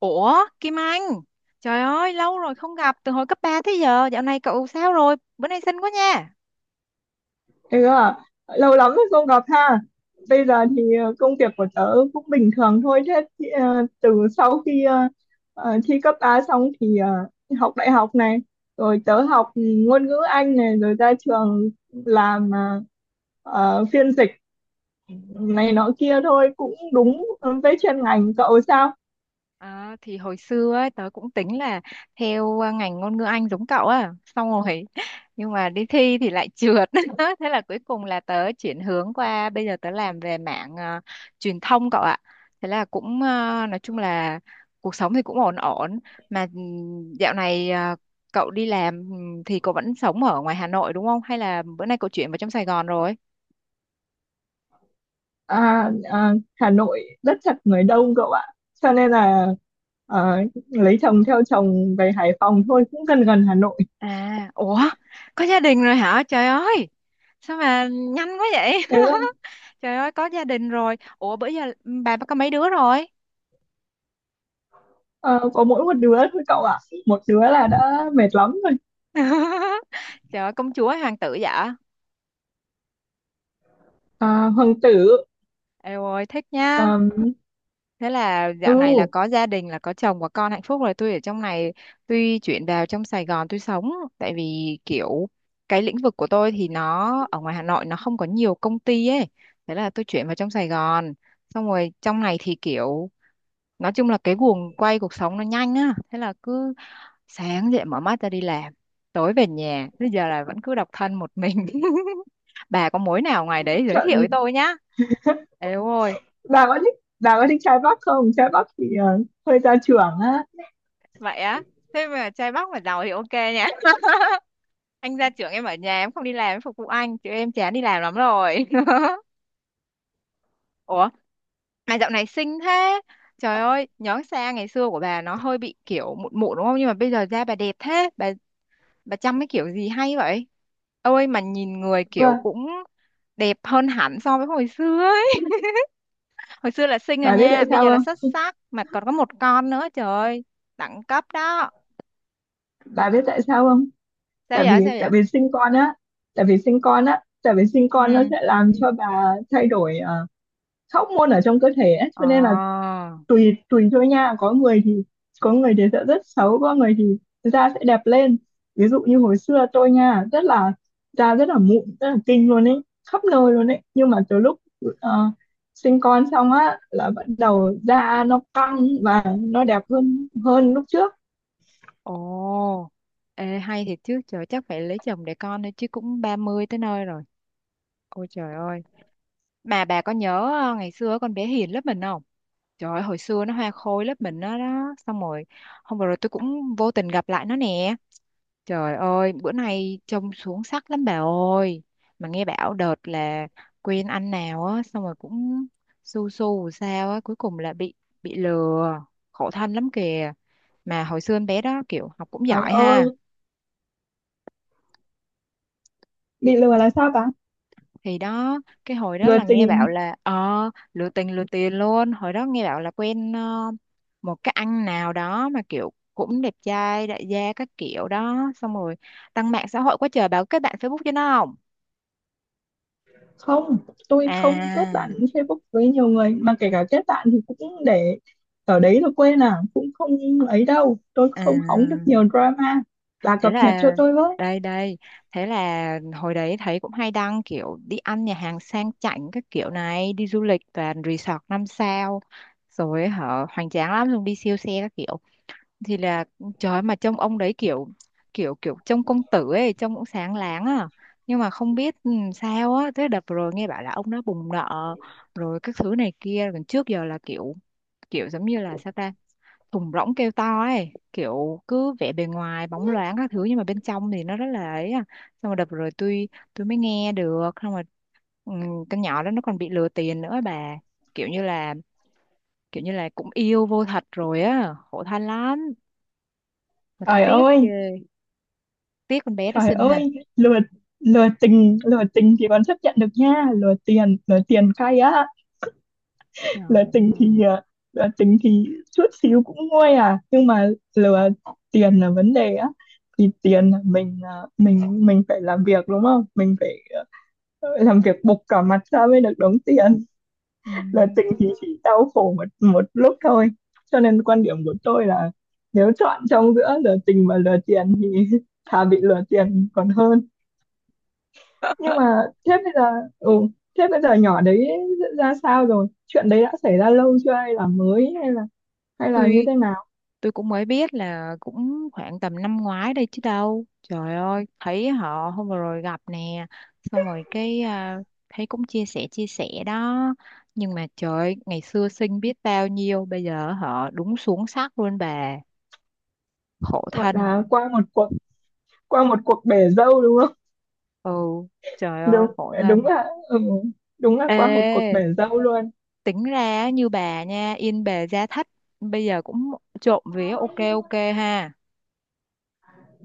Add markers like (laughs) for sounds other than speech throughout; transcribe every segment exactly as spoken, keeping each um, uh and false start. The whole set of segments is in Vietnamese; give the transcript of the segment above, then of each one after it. Ủa, Kim Anh, trời ơi, lâu rồi không gặp, từ hồi cấp ba tới giờ, dạo này cậu sao rồi? Bữa nay xinh quá nha. Ừ, à, Lâu lắm rồi không gặp ha. Bây giờ thì ờ, công việc của tớ cũng bình thường thôi. Thế thì, ờ, từ sau khi ờ, ờ, thi cấp ba xong thì ờ, học đại học này, rồi tớ học ngôn ngữ Anh này, rồi ra trường làm ờ, ờ, phiên dịch này nọ kia thôi, cũng đúng với chuyên ngành. Cậu sao? À, thì hồi xưa ấy, tớ cũng tính là theo à, ngành ngôn ngữ Anh giống cậu á xong rồi (laughs) nhưng mà đi thi thì lại trượt. (laughs) Thế là cuối cùng là tớ chuyển hướng qua bây giờ tớ làm về mảng à, truyền thông cậu ạ. Thế là cũng à, nói chung là cuộc sống thì cũng ổn ổn mà ừ, dạo này à, cậu đi làm, ừ, thì cậu vẫn sống ở ngoài Hà Nội đúng không, hay là bữa nay cậu chuyển vào trong Sài Gòn rồi? À, à, Hà Nội rất chật, người đông cậu ạ. Cho nên là ờ, lấy chồng theo chồng về Hải Phòng thôi, cũng gần gần Hà Nội. À, ủa, có gia đình rồi hả? Trời ơi, sao mà nhanh quá vậy? (laughs) Trời ơi, có gia đình rồi. Ủa, bữa giờ bà có mấy đứa rồi? Ờ, có mỗi một đứa thôi cậu ạ, một đứa là đã mệt lắm rồi. (laughs) Trời ơi, công chúa hoàng tử dạ. À, hoàng tử. Eo ơi, thích nha. um, Thế là ừ. dạo này là có gia đình, là có chồng và con hạnh phúc rồi. Tôi ở trong này, tuy chuyển vào trong Sài Gòn tôi sống. Tại vì kiểu cái lĩnh vực của tôi thì nó ở ngoài Hà Nội nó không có nhiều công ty ấy. Thế là tôi chuyển vào trong Sài Gòn. Xong rồi trong này thì kiểu nói chung là cái guồng quay cuộc sống nó nhanh á, thế là cứ sáng dậy mở mắt ra đi làm, tối về nhà, bây giờ là vẫn cứ độc thân một mình. (laughs) Bà có mối nào ngoài đấy giới thiệu với Trận. tôi nhá. Ê ôi, Bà có thích, bà có thích trai Bắc không? Trai Bắc thì ờ, hơi gia trưởng á. vậy á? Thế mà trai Bắc mà giàu thì ok nhá. (laughs) Anh gia trưởng em ở nhà em không đi làm em phục vụ anh chứ em chán đi làm lắm rồi. (laughs) Ủa, mà dạo này xinh thế, trời ơi, nhớ xa ngày xưa của bà nó hơi bị kiểu mụn mụn đúng không, nhưng mà bây giờ da bà đẹp thế bà bà chăm cái kiểu gì hay vậy? Ôi mà nhìn người Đúng kiểu rồi. cũng đẹp hơn hẳn so với hồi xưa ấy, hồi xưa là xinh rồi Bà biết nha, tại bây sao giờ là xuất không? sắc mà còn có một con nữa, trời ơi, đẳng cấp đó. Bà biết tại sao không Sao tại vậy, sao vì vậy? tại vì sinh con á, tại vì sinh con á tại vì sinh con nó Ừ. sẽ làm cho bà thay đổi ờ, các hormone ở trong cơ thể ấy. Cho nên là Ờ. tùy tùy thôi nha, có người thì, có người thì sẽ rất xấu, có người thì da sẽ đẹp lên. Ví dụ như hồi xưa tôi nha, rất là, da rất là mụn, rất là kinh luôn ấy, khắp nơi luôn ấy. Nhưng mà từ lúc ờ, sinh con xong á là bắt đầu da nó căng và nó đẹp hơn, hơn lúc trước. Ồ. Ê hay thiệt chứ trời, chắc phải lấy chồng để con thôi chứ cũng ba mươi tới nơi rồi. Ôi trời ơi, mà bà có nhớ ờ, ngày xưa con bé Hiền lớp mình không? Trời ơi, hồi xưa nó hoa khôi lớp mình đó, đó. Xong rồi hôm vừa rồi tôi cũng vô tình gặp lại nó nè. Trời ơi bữa nay trông xuống sắc lắm bà ơi. Mà nghe bảo đợt là quen anh nào á, xong rồi cũng su su sao á, cuối cùng là bị bị lừa. Khổ thân lắm kìa. Mà hồi xưa em bé đó kiểu học cũng Trời giỏi ơi, ha. bị lừa là sao ta? Thì đó, cái hồi đó Lừa là nghe tình. bảo là ờ lừa tình lừa tiền luôn, hồi đó nghe bảo là quen ờ, một cái anh nào đó mà kiểu cũng đẹp trai đại gia các kiểu đó, xong rồi đăng mạng xã hội quá trời, bảo kết bạn Facebook cho nó không. Không, tôi không kết bạn À, Facebook với nhiều người, mà kể cả kết bạn thì cũng để ở đấy rồi quên à, cũng không ấy đâu. Tôi không hóng được à, nhiều drama, bà thế cập nhật là cho tôi với. đây đây, thế là hồi đấy thấy cũng hay đăng kiểu đi ăn nhà hàng sang chảnh các kiểu này, đi du lịch toàn resort năm sao rồi hở, hoành tráng lắm luôn, đi siêu xe các kiểu. Thì là trời ơi, mà trông ông đấy kiểu kiểu kiểu trông công tử ấy, trông cũng sáng láng à, nhưng mà không biết ừ, sao á, thế đợt rồi nghe bảo là ông đã bùng nợ rồi các thứ này kia. Còn trước giờ là kiểu kiểu giống như là sao ta, thùng rỗng kêu to ấy, kiểu cứ vẻ bề ngoài bóng loáng các thứ nhưng mà bên trong thì nó rất là ấy à. Xong rồi đợt rồi tôi tôi mới nghe được. Xong rồi ừ, con nhỏ đó nó còn bị lừa tiền nữa bà, kiểu như là kiểu như là cũng yêu vô thật rồi á, khổ thân lắm mà tôi Trời tiếc ơi, ghê, tiếc con bé đó trời xinh ha. ơi. Lừa, lừa tình, lừa tình thì còn chấp nhận được nha. Lừa tiền, lừa tiền cay á. Lừa Trời, tình thì ờ, lừa tình thì chút xíu cũng nguôi à, nhưng mà lừa tiền là vấn đề á. Thì tiền là mình, ờ, mình mình phải làm việc đúng không, mình phải ờ, làm việc bục cả mặt ra mới được đóng tiền. ừ. Là tình thì chỉ đau khổ một một lúc thôi. Cho nên quan điểm của tôi là, nếu chọn trong giữa lừa tình và lừa tiền thì (laughs) thà bị lừa tiền còn hơn. Nhưng mà thế bây giờ, ừ, thế bây giờ nhỏ đấy ra sao rồi? Chuyện đấy đã xảy ra lâu chưa, hay là mới, hay là, hay là như tôi thế nào? tôi cũng mới biết là cũng khoảng tầm năm ngoái đây chứ đâu, trời ơi, thấy họ hôm vừa rồi gặp nè, xong rồi cái à, thấy cũng chia sẻ chia sẻ đó, nhưng mà trời ơi, ngày xưa xinh biết bao nhiêu bây giờ họ đúng xuống sắc luôn bà, khổ Gọi thân. là qua một cuộc, qua một cuộc bể dâu đúng không? Ừ, trời (laughs) ơi Đúng, khổ đúng thân. là ừ, đúng là qua một cuộc bể Ê, dâu luôn. tính ra như bà nha, yên bề gia thất, bây giờ cũng trộm vía, ok ok ha.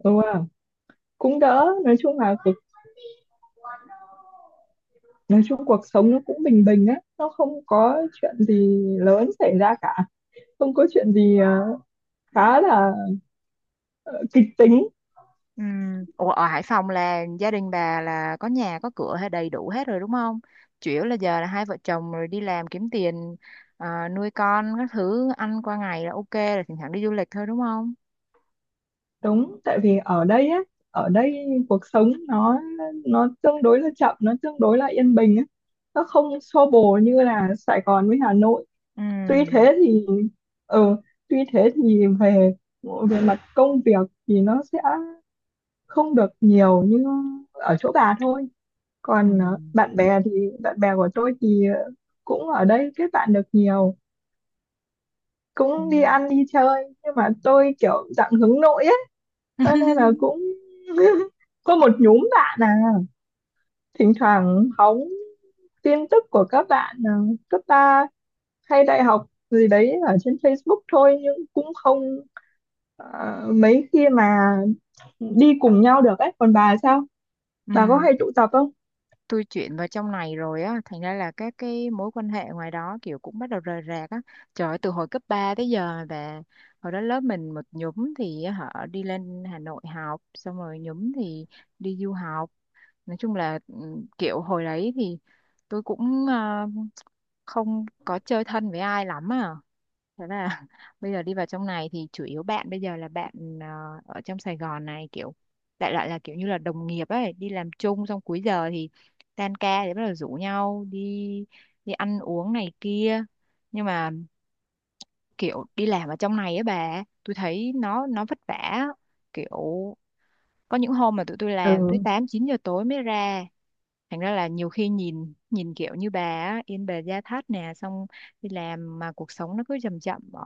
Đúng không, cũng đỡ. Nói chung là cuộc, nói chung cuộc sống nó cũng bình bình á, nó không có chuyện gì lớn xảy ra cả. Không có chuyện gì ờ, khá là ờ, kịch tính. Ừ. Ủa ở Hải Phòng là gia đình bà là có nhà có cửa hay đầy đủ hết rồi đúng không? Chủ yếu là giờ là hai vợ chồng rồi đi làm kiếm tiền, à, nuôi con các thứ, ăn qua ngày là ok, là thỉnh thoảng đi du lịch thôi đúng không? Đúng, tại vì ở đây á, ở đây cuộc sống nó nó tương đối là chậm, nó tương đối là yên bình á, nó không xô bồ như là Sài Gòn với Hà Nội. Tuy Ừ. thế thì, ừ, tuy thế thì về, về mặt công việc thì nó sẽ không được nhiều như ở chỗ bà thôi. Ừ. Còn ờ, bạn bè thì, bạn bè của tôi thì ờ, cũng ở đây kết bạn được nhiều, Ừ. cũng đi ăn đi chơi. Nhưng mà tôi kiểu dạng hướng nội ấy, cho nên là (laughs) cũng (laughs) có một nhóm bạn à, thỉnh thoảng hóng tin tức của các bạn à, cấp ba hay đại học gì đấy ở trên Facebook thôi. Nhưng cũng không ờ, mấy khi mà đi cùng nhau được ấy. Còn bà sao, bà có Ừ. hay tụ tập không? Tôi chuyển vào trong này rồi á, thành ra là các cái mối quan hệ ngoài đó kiểu cũng bắt đầu rời rạc á, trời ơi, từ hồi cấp ba tới giờ về. Hồi đó lớp mình một nhúm thì họ đi lên Hà Nội học, xong rồi nhúm thì đi du học. Nói chung là ừ, kiểu hồi đấy thì tôi cũng ờ, không có chơi thân với ai lắm à. Thế là (laughs) bây giờ đi vào trong này thì chủ yếu bạn bây giờ là bạn ờ, ở trong Sài Gòn này, kiểu đại loại là kiểu như là đồng nghiệp ấy, đi làm chung xong cuối giờ thì tan ca thì bắt đầu rủ nhau đi đi ăn uống này kia. Nhưng mà kiểu đi làm ở trong này á bà, tôi thấy nó nó vất vả, kiểu có những hôm mà tụi tôi làm tới Ừ, tám chín giờ tối mới ra. Thành ra là nhiều khi nhìn nhìn kiểu như bà á, Yên Bề Gia Thất nè, xong đi làm mà cuộc sống nó cứ chậm chậm ở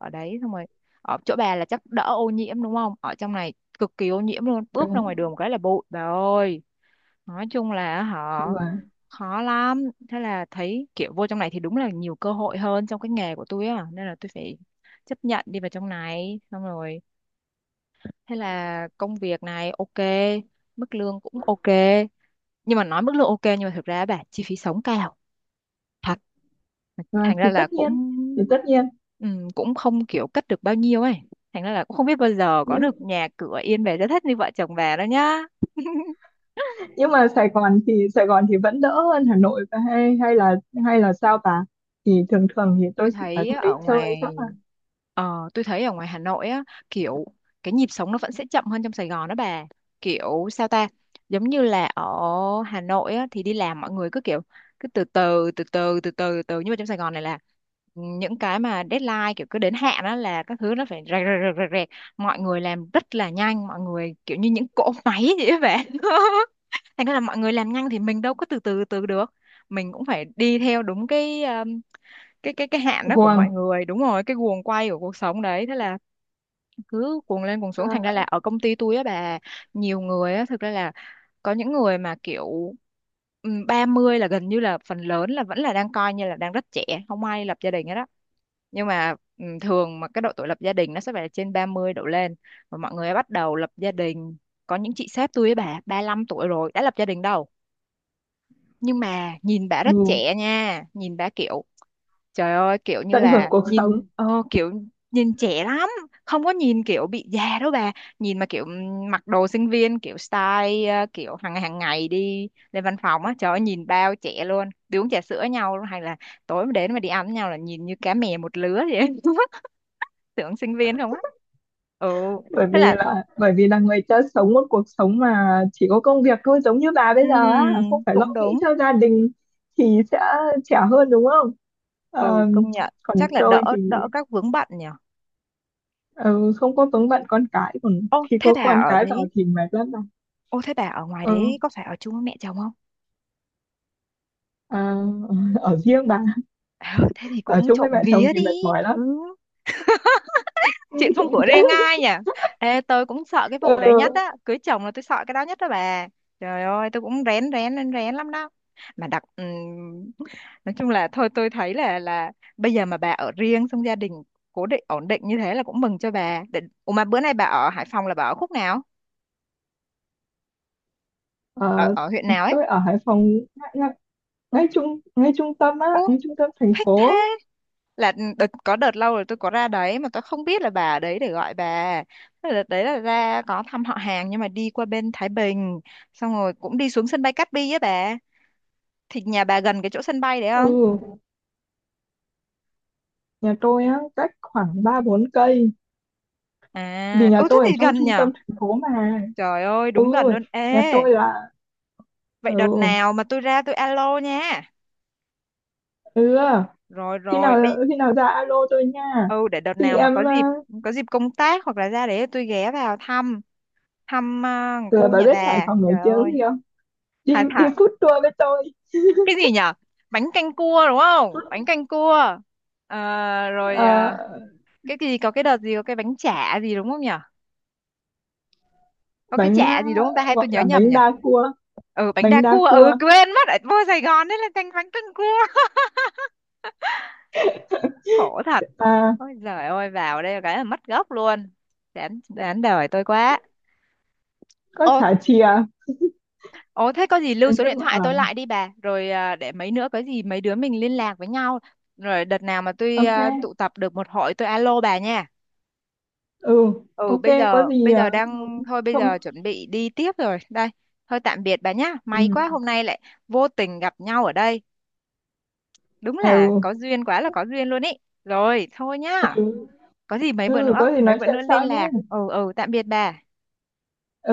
ở đấy. Xong rồi ở chỗ bà là chắc đỡ ô nhiễm đúng không, ở trong này cực kỳ ô nhiễm luôn, bước ra ngoài đúng đường một cái là bụi bà ơi, nói chung là họ rồi. khó lắm. Thế là thấy kiểu vô trong này thì đúng là nhiều cơ hội hơn trong cái nghề của tôi á, nên là tôi phải chấp nhận đi vào trong này. Xong rồi thế là công việc này ok, mức lương cũng ok, nhưng mà nói mức lương ok nhưng mà thực ra á bà, chi phí sống cao thật, Và thành thì ra là tất cũng nhiên, thì tất nhiên ừm, cũng không kiểu cất được bao nhiêu ấy, thành ra là cũng không biết bao giờ có được nhưng nhà cửa yên về rất thất như vợ chồng bà đó nhá. (laughs) nhưng mà Sài Gòn thì, Sài Gòn thì vẫn đỡ hơn Hà Nội. Và hay, hay là hay là sao ta? Thì thường thường thì Tôi tôi chỉ vào thấy trong á, đấy ở chơi ngoài chắc là. ờ, tôi thấy ở ngoài Hà Nội á, kiểu cái nhịp sống nó vẫn sẽ chậm hơn trong Sài Gòn đó bà, kiểu sao ta, giống như là ở Hà Nội á thì đi làm mọi người cứ kiểu cứ từ từ từ từ từ từ từ, nhưng mà trong Sài Gòn này là những cái mà deadline kiểu cứ đến hạn đó là các thứ nó phải rẹt rẹt rẹt rẹt rẹt. Mọi người làm rất là nhanh, mọi người kiểu như những cỗ máy (laughs) vậy á bạn. (laughs) Thành ra là mọi người làm nhanh thì mình đâu có từ từ từ được, mình cũng phải đi theo đúng cái cái cái cái hạn đó của Guồng. mọi người, đúng rồi, cái guồng quay của cuộc sống đấy. Thế là cứ cuồng lên cuồng xuống, thành ra À, là ở công ty tôi á bà, nhiều người á thực ra là có những người mà kiểu ừm, ba mươi là gần như là phần lớn là vẫn là đang coi như là đang rất trẻ, không ai lập gia đình hết đó. Nhưng mà ừm, thường mà cái độ tuổi lập gia đình nó sẽ phải trên ba mươi đổ lên, và mọi người bắt đầu lập gia đình. Có những chị sếp tôi ấy bà ba lăm tuổi rồi đã lập gia đình đâu, nhưng mà nhìn bà rất ừ, trẻ nha, nhìn bà kiểu trời ơi kiểu như tận hưởng là cuộc nhìn sống. ờ, kiểu nhìn trẻ lắm, không có nhìn kiểu bị già đâu bà. Nhìn mà kiểu ừm, mặc đồ sinh viên kiểu style ờ, kiểu hàng hàng ngày đi lên văn phòng á, trời ơi nhìn bao trẻ luôn, đi uống trà sữa nhau luôn, hay là tối mà đến mà đi ăn với nhau là nhìn như cá mè một lứa vậy. (laughs) Tưởng sinh viên không á. Ừ, Bởi thế vì là là, bởi vì là người ta sống một cuộc sống mà chỉ có công việc thôi, giống như bà bây giờ á, không ừm, phải lo cũng nghĩ đúng. cho gia đình thì sẽ trẻ hơn đúng không. Ừ Ờ, công nhận còn chắc là tôi đỡ thì đỡ các vướng bận nhỉ. ừ, không có vướng bận con cái. Còn Ô khi thế có bà con ở cái vào đấy, thì mệt lắm bà. ô thế bà ở ngoài ừ, đấy có phải ở chung với mẹ chồng không? à, (laughs) ở riêng bà. Ờ, thế thì Ở cũng chung với trộm mẹ chồng vía thì đi. mệt mỏi lắm, Ừ, (laughs) ưm, chuyện không trộm của vía. riêng ai nhỉ. Ê, tôi cũng sợ cái Ừ, vụ đấy nhất á, cưới chồng là tôi sợ cái đó nhất đó bà, trời ơi tôi cũng rén rén rén rén lắm đó. Mà đặc ừm, nói chung là thôi, tôi thấy là là bây giờ mà bà ở riêng xong gia đình cố định ổn định như thế là cũng mừng cho bà để. Ủa mà bữa nay bà ở Hải Phòng là bà ở khúc nào, ở ờ, ở huyện nào ấy? tôi ở Hải Phòng, ngay ngay ngay trung, ngay trung tâm á, Ô ngay trung tâm thành thích thế, phố. là ừ, đợt, có đợt lâu rồi tôi có ra đấy mà tôi không biết là bà ở đấy để gọi bà. Thế là đợt đấy là ra có thăm họ hàng nhưng mà đi qua bên Thái Bình, xong rồi cũng đi xuống sân bay Cát Bi á bà, thì nhà bà gần cái chỗ sân bay đấy không? Ừ, nhà tôi á, cách khoảng ba bốn cây, vì À, nhà ô thế tôi ở thì trong gần trung nhở, tâm thành phố mà. trời ơi Ừ, đúng gần luôn. nhà Ê tôi là, vậy ừ, đợt nào mà tôi ra tôi alo nha. ừ, Rồi khi rồi nào, bây, khi nào ra alo tôi nha. ừ để đợt Thì nào mà có em, dịp, a, có dịp công tác hoặc là ra đấy tôi ghé vào thăm, thăm à, ừ, cô bà nhà biết Hải bà, Phòng nổi trời tiếng ơi. gì không? Đi Hai đi food tour với tôi. cái gì nhở? Bánh canh cua đúng không, bánh canh cua? Ờ, rồi Ờ, à, cái gì có cái đợt gì có cái bánh chả gì đúng không nhở? Có cái bánh, a, chả gì đúng không ta hay tôi gọi nhớ là, nhầm bánh nhở? đa cua, Ừ bánh bánh đa đa cua, ừ cua. quên mất ở vô Sài Gòn đấy là canh bánh canh cua. (laughs) Khổ thật, À, ôi giời ơi vào đây cái là mất gốc luôn, đáng đáng đời tôi quá. có Ô, chả chìa. ô thế có gì lưu Nói số điện chung thoại ở, tôi lại đi bà, rồi à, để mấy nữa có gì mấy đứa mình liên lạc với nhau. Rồi đợt nào mà tôi ok. à, tụ tập được một hội tôi alo bà nha. Ừ, Ừ ok, bây có giờ gì, bây giờ ờ, đang thôi, bây không. giờ chuẩn bị đi tiếp rồi đây. Thôi tạm biệt bà nhá, may quá Ừ, hôm nay lại vô tình gặp nhau ở đây, đúng là ừ. có duyên, quá là có duyên luôn ý. Rồi thôi nhá, có gì mấy bữa Ừ, nữa có gì mấy nói bữa chuyện nữa liên sau nhé. lạc. Ừ, ừ, tạm biệt bà.